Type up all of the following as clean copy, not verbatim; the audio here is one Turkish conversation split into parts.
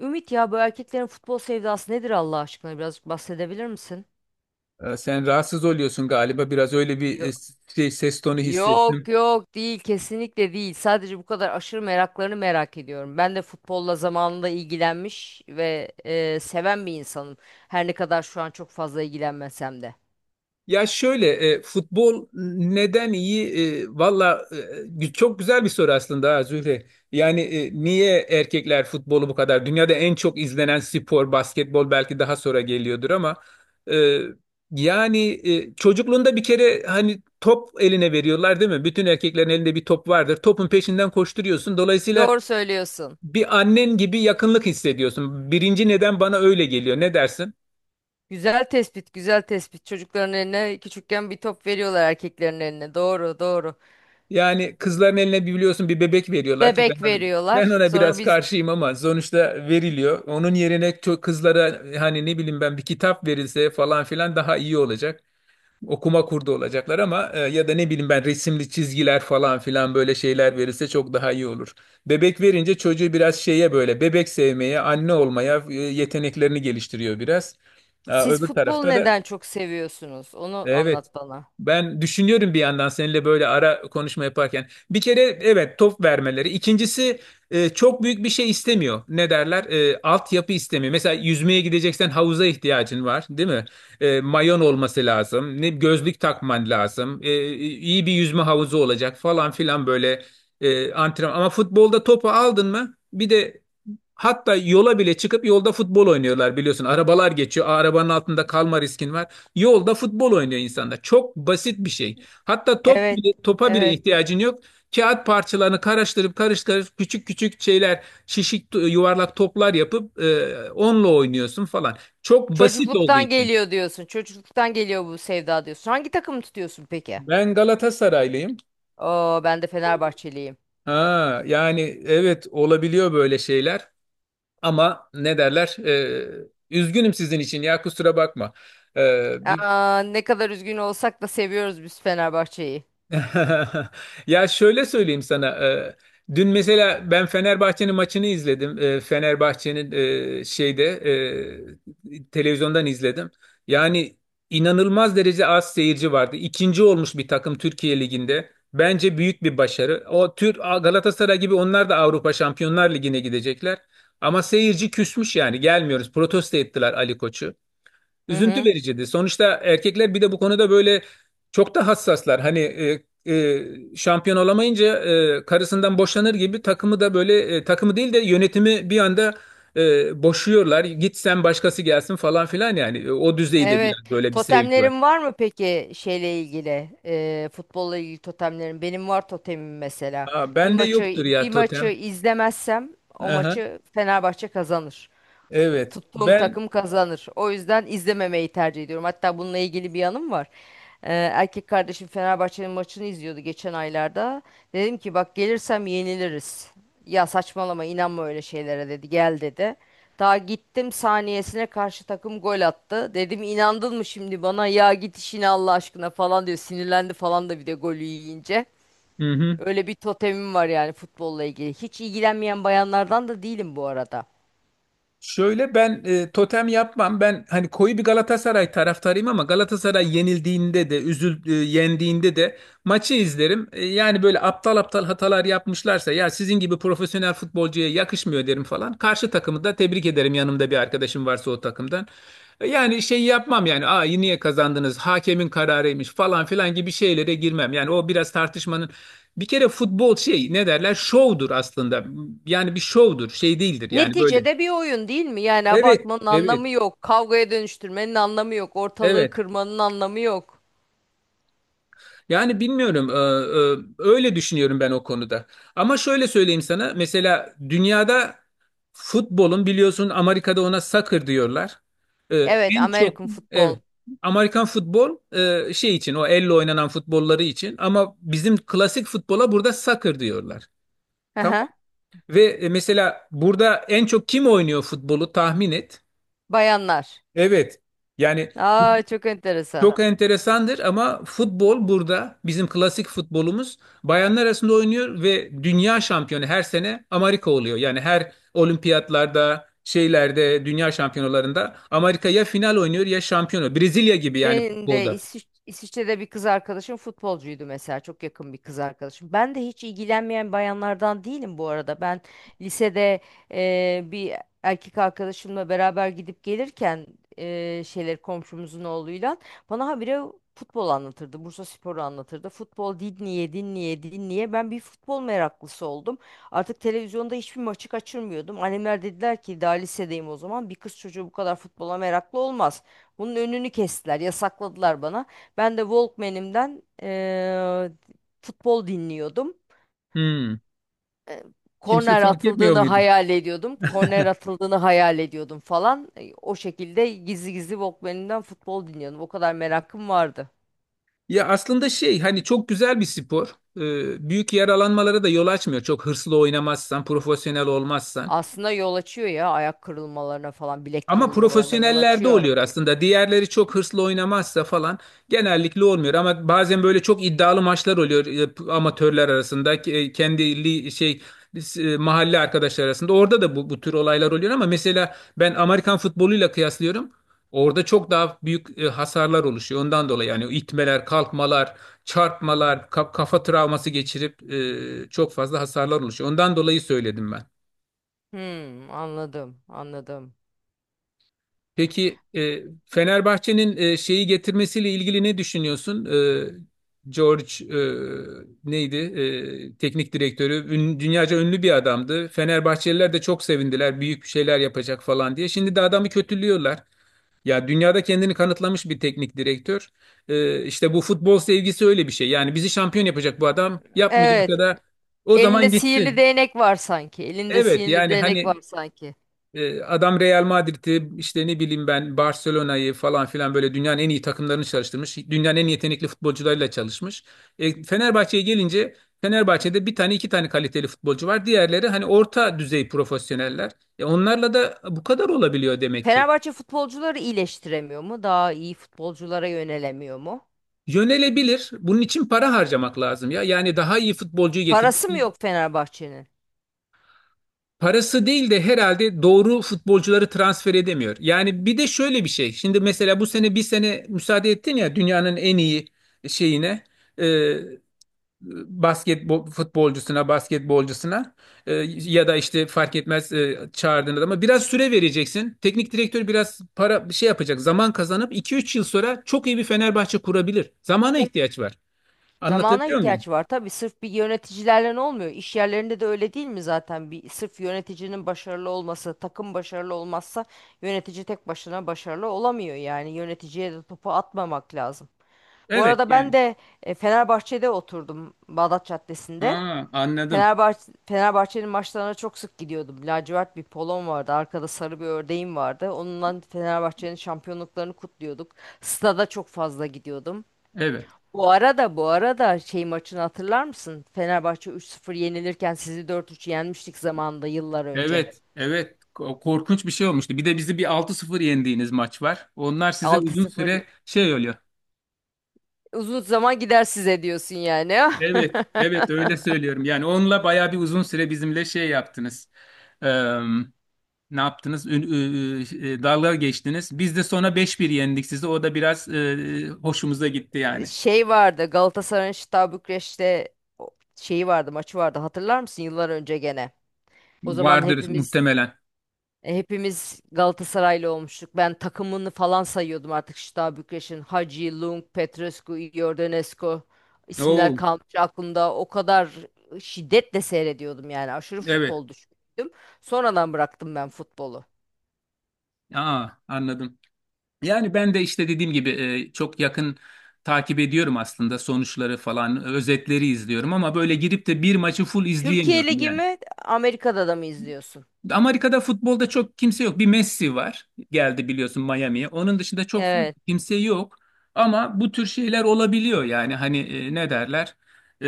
Ümit, ya bu erkeklerin futbol sevdası nedir Allah aşkına? Birazcık bahsedebilir misin? Sen rahatsız oluyorsun galiba. Biraz öyle bir Yo- şey, ses tonu Yok hissettim. yok, değil, kesinlikle değil. Sadece bu kadar aşırı meraklarını merak ediyorum. Ben de futbolla zamanında ilgilenmiş ve seven bir insanım. Her ne kadar şu an çok fazla ilgilenmesem de. Ya şöyle, futbol neden iyi? Valla, çok güzel bir soru aslında, ha, Zühre. Yani, niye erkekler futbolu bu kadar? Dünyada en çok izlenen spor basketbol belki daha sonra geliyordur ama e, yani, çocukluğunda bir kere hani top eline veriyorlar, değil mi? Bütün erkeklerin elinde bir top vardır. Topun peşinden koşturuyorsun. Dolayısıyla Doğru söylüyorsun. bir annen gibi yakınlık hissediyorsun. Birinci neden bana öyle geliyor. Ne dersin? Güzel tespit, güzel tespit. Çocukların eline küçükken bir top veriyorlar, erkeklerin eline. Doğru, doğru. Yani kızların eline bir biliyorsun bir bebek veriyorlar ki ben Bebek ona, ben veriyorlar. ona Sonra biraz biz, karşıyım ama sonuçta veriliyor. Onun yerine çok kızlara hani ne bileyim ben bir kitap verilse falan filan daha iyi olacak. Okuma kurdu olacaklar ama ya da ne bileyim ben resimli çizgiler falan filan böyle şeyler verilse çok daha iyi olur. Bebek verince çocuğu biraz şeye böyle bebek sevmeye, anne olmaya, yeteneklerini geliştiriyor biraz. Aa, siz öbür futbolu tarafta da neden çok seviyorsunuz? Onu evet. anlat bana. Ben düşünüyorum bir yandan seninle böyle ara konuşma yaparken. Bir kere evet, top vermeleri. İkincisi, çok büyük bir şey istemiyor. Ne derler? Altyapı istemiyor. Mesela yüzmeye gideceksen havuza ihtiyacın var, değil mi? Mayon olması lazım. Ne gözlük takman lazım. İyi bir yüzme havuzu olacak falan filan böyle antrenman. Ama futbolda topu aldın mı? Bir de. Hatta yola bile çıkıp yolda futbol oynuyorlar biliyorsun. Arabalar geçiyor. Arabanın altında kalma riskin var. Yolda futbol oynuyor insanlar. Çok basit bir şey. Hatta top Evet, bile, topa bile evet. ihtiyacın yok. Kağıt parçalarını karıştırıp karıştırıp küçük küçük şeyler, şişik yuvarlak toplar yapıp, onunla oynuyorsun falan. Çok basit olduğu Çocukluktan için. geliyor diyorsun. Çocukluktan geliyor bu sevda diyorsun. Hangi takımı tutuyorsun peki? Ben Galatasaraylıyım. Oo, ben de Fenerbahçeliyim. Ha, yani, evet, olabiliyor böyle şeyler. Ama ne derler? Üzgünüm sizin için, ya kusura bakma. Ee, Aa, ne kadar üzgün olsak da seviyoruz biz Fenerbahçe'yi. Ya şöyle söyleyeyim sana. Dün mesela ben Fenerbahçe'nin maçını izledim. Fenerbahçe'nin şeyde, televizyondan izledim. Yani inanılmaz derece az seyirci vardı. İkinci olmuş bir takım Türkiye Ligi'nde. Bence büyük bir başarı. O tür Galatasaray gibi onlar da Avrupa Şampiyonlar Ligi'ne gidecekler. Ama seyirci küsmüş yani, gelmiyoruz. Protesto ettiler Ali Koç'u. Hı Üzüntü hı. vericiydi. Sonuçta erkekler bir de bu konuda böyle çok da hassaslar. Hani, şampiyon olamayınca, karısından boşanır gibi takımı da böyle, takımı değil de yönetimi bir anda, boşuyorlar. Git sen, başkası gelsin falan filan yani. O düzeyde Evet. biraz böyle bir sevgi var. Totemlerin var mı peki şeyle ilgili? Futbolla ilgili totemlerin. Benim var totemim mesela. Aa, Bir ben de maçı yoktur ya bir maçı totem. izlemezsem o Aha, maçı Fenerbahçe kazanır. evet. Tuttuğum Ben. takım kazanır. O yüzden izlememeyi tercih ediyorum. Hatta bununla ilgili bir yanım var. Erkek kardeşim Fenerbahçe'nin maçını izliyordu geçen aylarda. Dedim ki, bak gelirsem yeniliriz. Ya saçmalama, inanma öyle şeylere, dedi. Gel, dedi. Daha gittim saniyesine karşı takım gol attı. Dedim, inandın mı şimdi bana, ya git işine Allah aşkına falan diyor. Sinirlendi falan da, bir de golü yiyince. Hı hı. Öyle bir totemim var yani futbolla ilgili. Hiç ilgilenmeyen bayanlardan da değilim bu arada. Şöyle ben totem yapmam. Ben hani koyu bir Galatasaray taraftarıyım ama Galatasaray yenildiğinde de, yendiğinde de maçı izlerim. Yani böyle aptal aptal hatalar yapmışlarsa, ya sizin gibi profesyonel futbolcuya yakışmıyor derim falan. Karşı takımı da tebrik ederim, yanımda bir arkadaşım varsa o takımdan. Yani şey yapmam yani. Aa, niye kazandınız? Hakemin kararıymış falan filan gibi şeylere girmem. Yani o biraz tartışmanın, bir kere futbol şey ne derler? Şovdur aslında. Yani bir şovdur, şey değildir. Yani böyle. Neticede bir oyun değil mi? Yani Evet, abartmanın evet, anlamı yok. Kavgaya dönüştürmenin anlamı yok. Ortalığı evet. kırmanın anlamı yok. Yani bilmiyorum, öyle düşünüyorum ben o konuda. Ama şöyle söyleyeyim sana, mesela dünyada futbolun, biliyorsun, Amerika'da ona soccer diyorlar. E, Evet, En çok, American futbol. evet, Amerikan futbol şey için, o elle oynanan futbolları için. Ama bizim klasik futbola burada soccer diyorlar. Hı Tamam. hı. Ve, mesela burada en çok kim oynuyor futbolu, tahmin et. Bayanlar. Evet. Yani, Aa, çok enteresan. çok enteresandır ama futbol burada bizim klasik futbolumuz bayanlar arasında oynuyor ve dünya şampiyonu her sene Amerika oluyor. Yani her olimpiyatlarda, şeylerde, dünya şampiyonalarında Amerika ya final oynuyor ya şampiyonu. Brezilya gibi yani Benim de futbolda. İsviçre'de bir kız arkadaşım futbolcuydu mesela. Çok yakın bir kız arkadaşım. Ben de hiç ilgilenmeyen bayanlardan değilim bu arada. Ben lisede bir erkek arkadaşımla beraber gidip gelirken şeyleri, komşumuzun oğluyla bana habire futbol anlatırdı. Bursa Spor'u anlatırdı. Futbol dinleye dinleye dinleye ben bir futbol meraklısı oldum. Artık televizyonda hiçbir maçı kaçırmıyordum. Annemler dediler ki, daha lisedeyim o zaman, bir kız çocuğu bu kadar futbola meraklı olmaz. Bunun önünü kestiler, yasakladılar bana. Ben de Walkman'imden futbol dinliyordum. Hmm, E, Kimse Korner fark etmiyor atıldığını muydu? hayal ediyordum. Korner atıldığını hayal ediyordum falan. O şekilde gizli gizli Walkman'imden futbol dinliyordum. O kadar merakım vardı. Ya aslında şey, hani çok güzel bir spor. Büyük yaralanmalara da yol açmıyor. Çok hırslı oynamazsan, profesyonel olmazsan. Aslında yol açıyor ya, ayak kırılmalarına falan, bilek Ama kırılmalarına yol profesyonellerde açıyor. oluyor aslında. Diğerleri çok hırslı oynamazsa falan genellikle olmuyor. Ama bazen böyle çok iddialı maçlar oluyor, amatörler arasında, ke- e, kendi li- şey e, mahalle arkadaşlar arasında. Orada da bu tür olaylar oluyor ama mesela ben Amerikan futboluyla kıyaslıyorum. Orada çok daha büyük hasarlar oluşuyor. Ondan dolayı yani itmeler, kalkmalar, çarpmalar, kafa travması geçirip, çok fazla hasarlar oluşuyor. Ondan dolayı söyledim ben. Hmm, anladım, anladım. Peki, Fenerbahçe'nin şeyi getirmesiyle ilgili ne düşünüyorsun? George, e, neydi? Teknik direktörü. Dünyaca ünlü bir adamdı. Fenerbahçeliler de çok sevindiler. Büyük bir şeyler yapacak falan diye. Şimdi de adamı kötülüyorlar. Ya dünyada kendini kanıtlamış bir teknik direktör. İşte bu futbol sevgisi öyle bir şey. Yani bizi şampiyon yapacak bu adam. Yapmayacak Evet, da o elinde zaman sihirli gitsin. değnek var sanki. Elinde Evet sihirli yani değnek hani, var sanki. Adam Real Madrid'i, işte ne bileyim ben Barcelona'yı falan filan böyle dünyanın en iyi takımlarını çalıştırmış. Dünyanın en yetenekli futbolcularıyla çalışmış. Fenerbahçe'ye gelince, Fenerbahçe'de bir tane iki tane kaliteli futbolcu var. Diğerleri hani orta düzey profesyoneller. Onlarla da bu kadar olabiliyor demek ki. Fenerbahçe futbolcuları iyileştiremiyor mu? Daha iyi futbolculara yönelemiyor mu? Yönelebilir. Bunun için para harcamak lazım ya. Yani daha iyi futbolcuyu getirmek. Parası mı yok Fenerbahçe'nin? Parası değil de, herhalde doğru futbolcuları transfer edemiyor. Yani bir de şöyle bir şey. Şimdi mesela bu sene bir sene müsaade ettin ya dünyanın en iyi şeyine, e, basketbol futbolcusuna, basketbolcusuna, ya da işte fark etmez, çağırdığın adama biraz süre vereceksin. Teknik direktör biraz para şey yapacak. Zaman kazanıp iki üç yıl sonra çok iyi bir Fenerbahçe kurabilir. Zamana ihtiyaç var. Zamana Anlatabiliyor muyum? ihtiyaç var tabii. Sırf bir yöneticilerle ne olmuyor? İş yerlerinde de öyle değil mi zaten? Bir sırf yöneticinin başarılı olması, takım başarılı olmazsa yönetici tek başına başarılı olamıyor yani. Yöneticiye de topu atmamak lazım. Bu Evet arada ben yani. de Fenerbahçe'de oturdum, Bağdat Caddesi'nde. Ha, anladım. Fenerbahçe'nin maçlarına çok sık gidiyordum. Lacivert bir polon vardı. Arkada sarı bir ördeğim vardı. Onunla Fenerbahçe'nin şampiyonluklarını kutluyorduk. Stada çok fazla gidiyordum. Evet. Bu arada, şey maçını hatırlar mısın? Fenerbahçe 3-0 yenilirken sizi 4-3 yenmiştik zamanında, yıllar önce. Evet, evet. Korkunç bir şey olmuştu. Bir de bizi bir 6-0 yendiğiniz maç var. Onlar size uzun 6-0 süre şey oluyor. uzun zaman gider size diyorsun yani. Evet, evet, öyle söylüyorum. Yani onunla bayağı bir uzun süre bizimle şey yaptınız. Eee, Ne yaptınız? Dalga geçtiniz. Biz de sonra 5-1 yendik sizi. O da biraz hoşumuza gitti yani. Şey vardı, Galatasaray'ın Şıta Bükreş'te o- şeyi vardı, maçı vardı, hatırlar mısın, yıllar önce gene. O zaman Vardır hepimiz muhtemelen. E, Hepimiz Galatasaraylı olmuştuk. Ben takımını falan sayıyordum artık Şita Bükreş'in. Hagi, Lung, Petrescu, Iordanescu, isimler Oo, kalmış aklımda. O kadar şiddetle seyrediyordum yani. Aşırı evet. futbol düşkünüydüm. Sonradan bıraktım ben futbolu. Aa, anladım. Yani ben de işte dediğim gibi, çok yakın takip ediyorum aslında, sonuçları falan, özetleri izliyorum ama böyle girip de bir maçı full Türkiye izleyemiyorum Ligi yani. mi, Amerika'da da mı izliyorsun? Amerika'da futbolda çok kimse yok. Bir Messi var. Geldi biliyorsun Miami'ye. Onun dışında çok Evet, kimse yok. Ama bu tür şeyler olabiliyor yani. Hani, ne derler? E,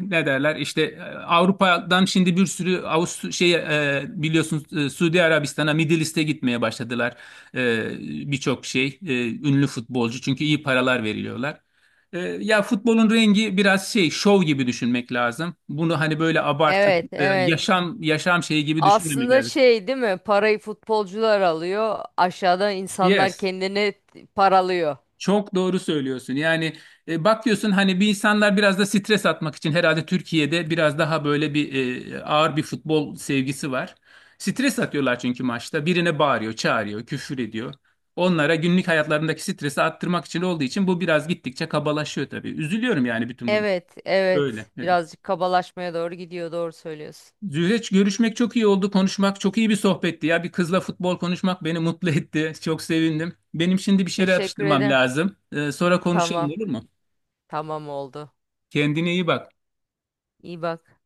Ne derler? İşte, Avrupa'dan şimdi bir sürü biliyorsun, Suudi Arabistan'a, Middle East'e gitmeye başladılar. E, Birçok şey, ünlü futbolcu, çünkü iyi paralar veriliyorlar. Ya futbolun rengi biraz şey, şov gibi düşünmek lazım. Bunu hani böyle abartı, evet, evet. yaşam yaşam şeyi gibi düşünmemek Aslında lazım. şey değil mi? Parayı futbolcular alıyor. Aşağıdan insanlar Yes. kendini paralıyor. Çok doğru söylüyorsun. Yani, bakıyorsun hani, bir insanlar biraz da stres atmak için herhalde Türkiye'de biraz daha böyle bir ağır bir futbol sevgisi var. Stres atıyorlar çünkü maçta. Birine bağırıyor, çağırıyor, küfür ediyor. Onlara günlük hayatlarındaki stresi attırmak için olduğu için bu biraz gittikçe kabalaşıyor tabii. Üzülüyorum yani bütün bunu. Evet, Böyle. evet. Evet. Birazcık kabalaşmaya doğru gidiyor. Doğru söylüyorsun. Zühreç, görüşmek çok iyi oldu. Konuşmak çok iyi bir sohbetti ya. Bir kızla futbol konuşmak beni mutlu etti. Çok sevindim. Benim şimdi bir şeyler Teşekkür atıştırmam ederim. lazım. Sonra konuşalım, Tamam, olur mu? tamam oldu. Kendine iyi bak. İyi bak.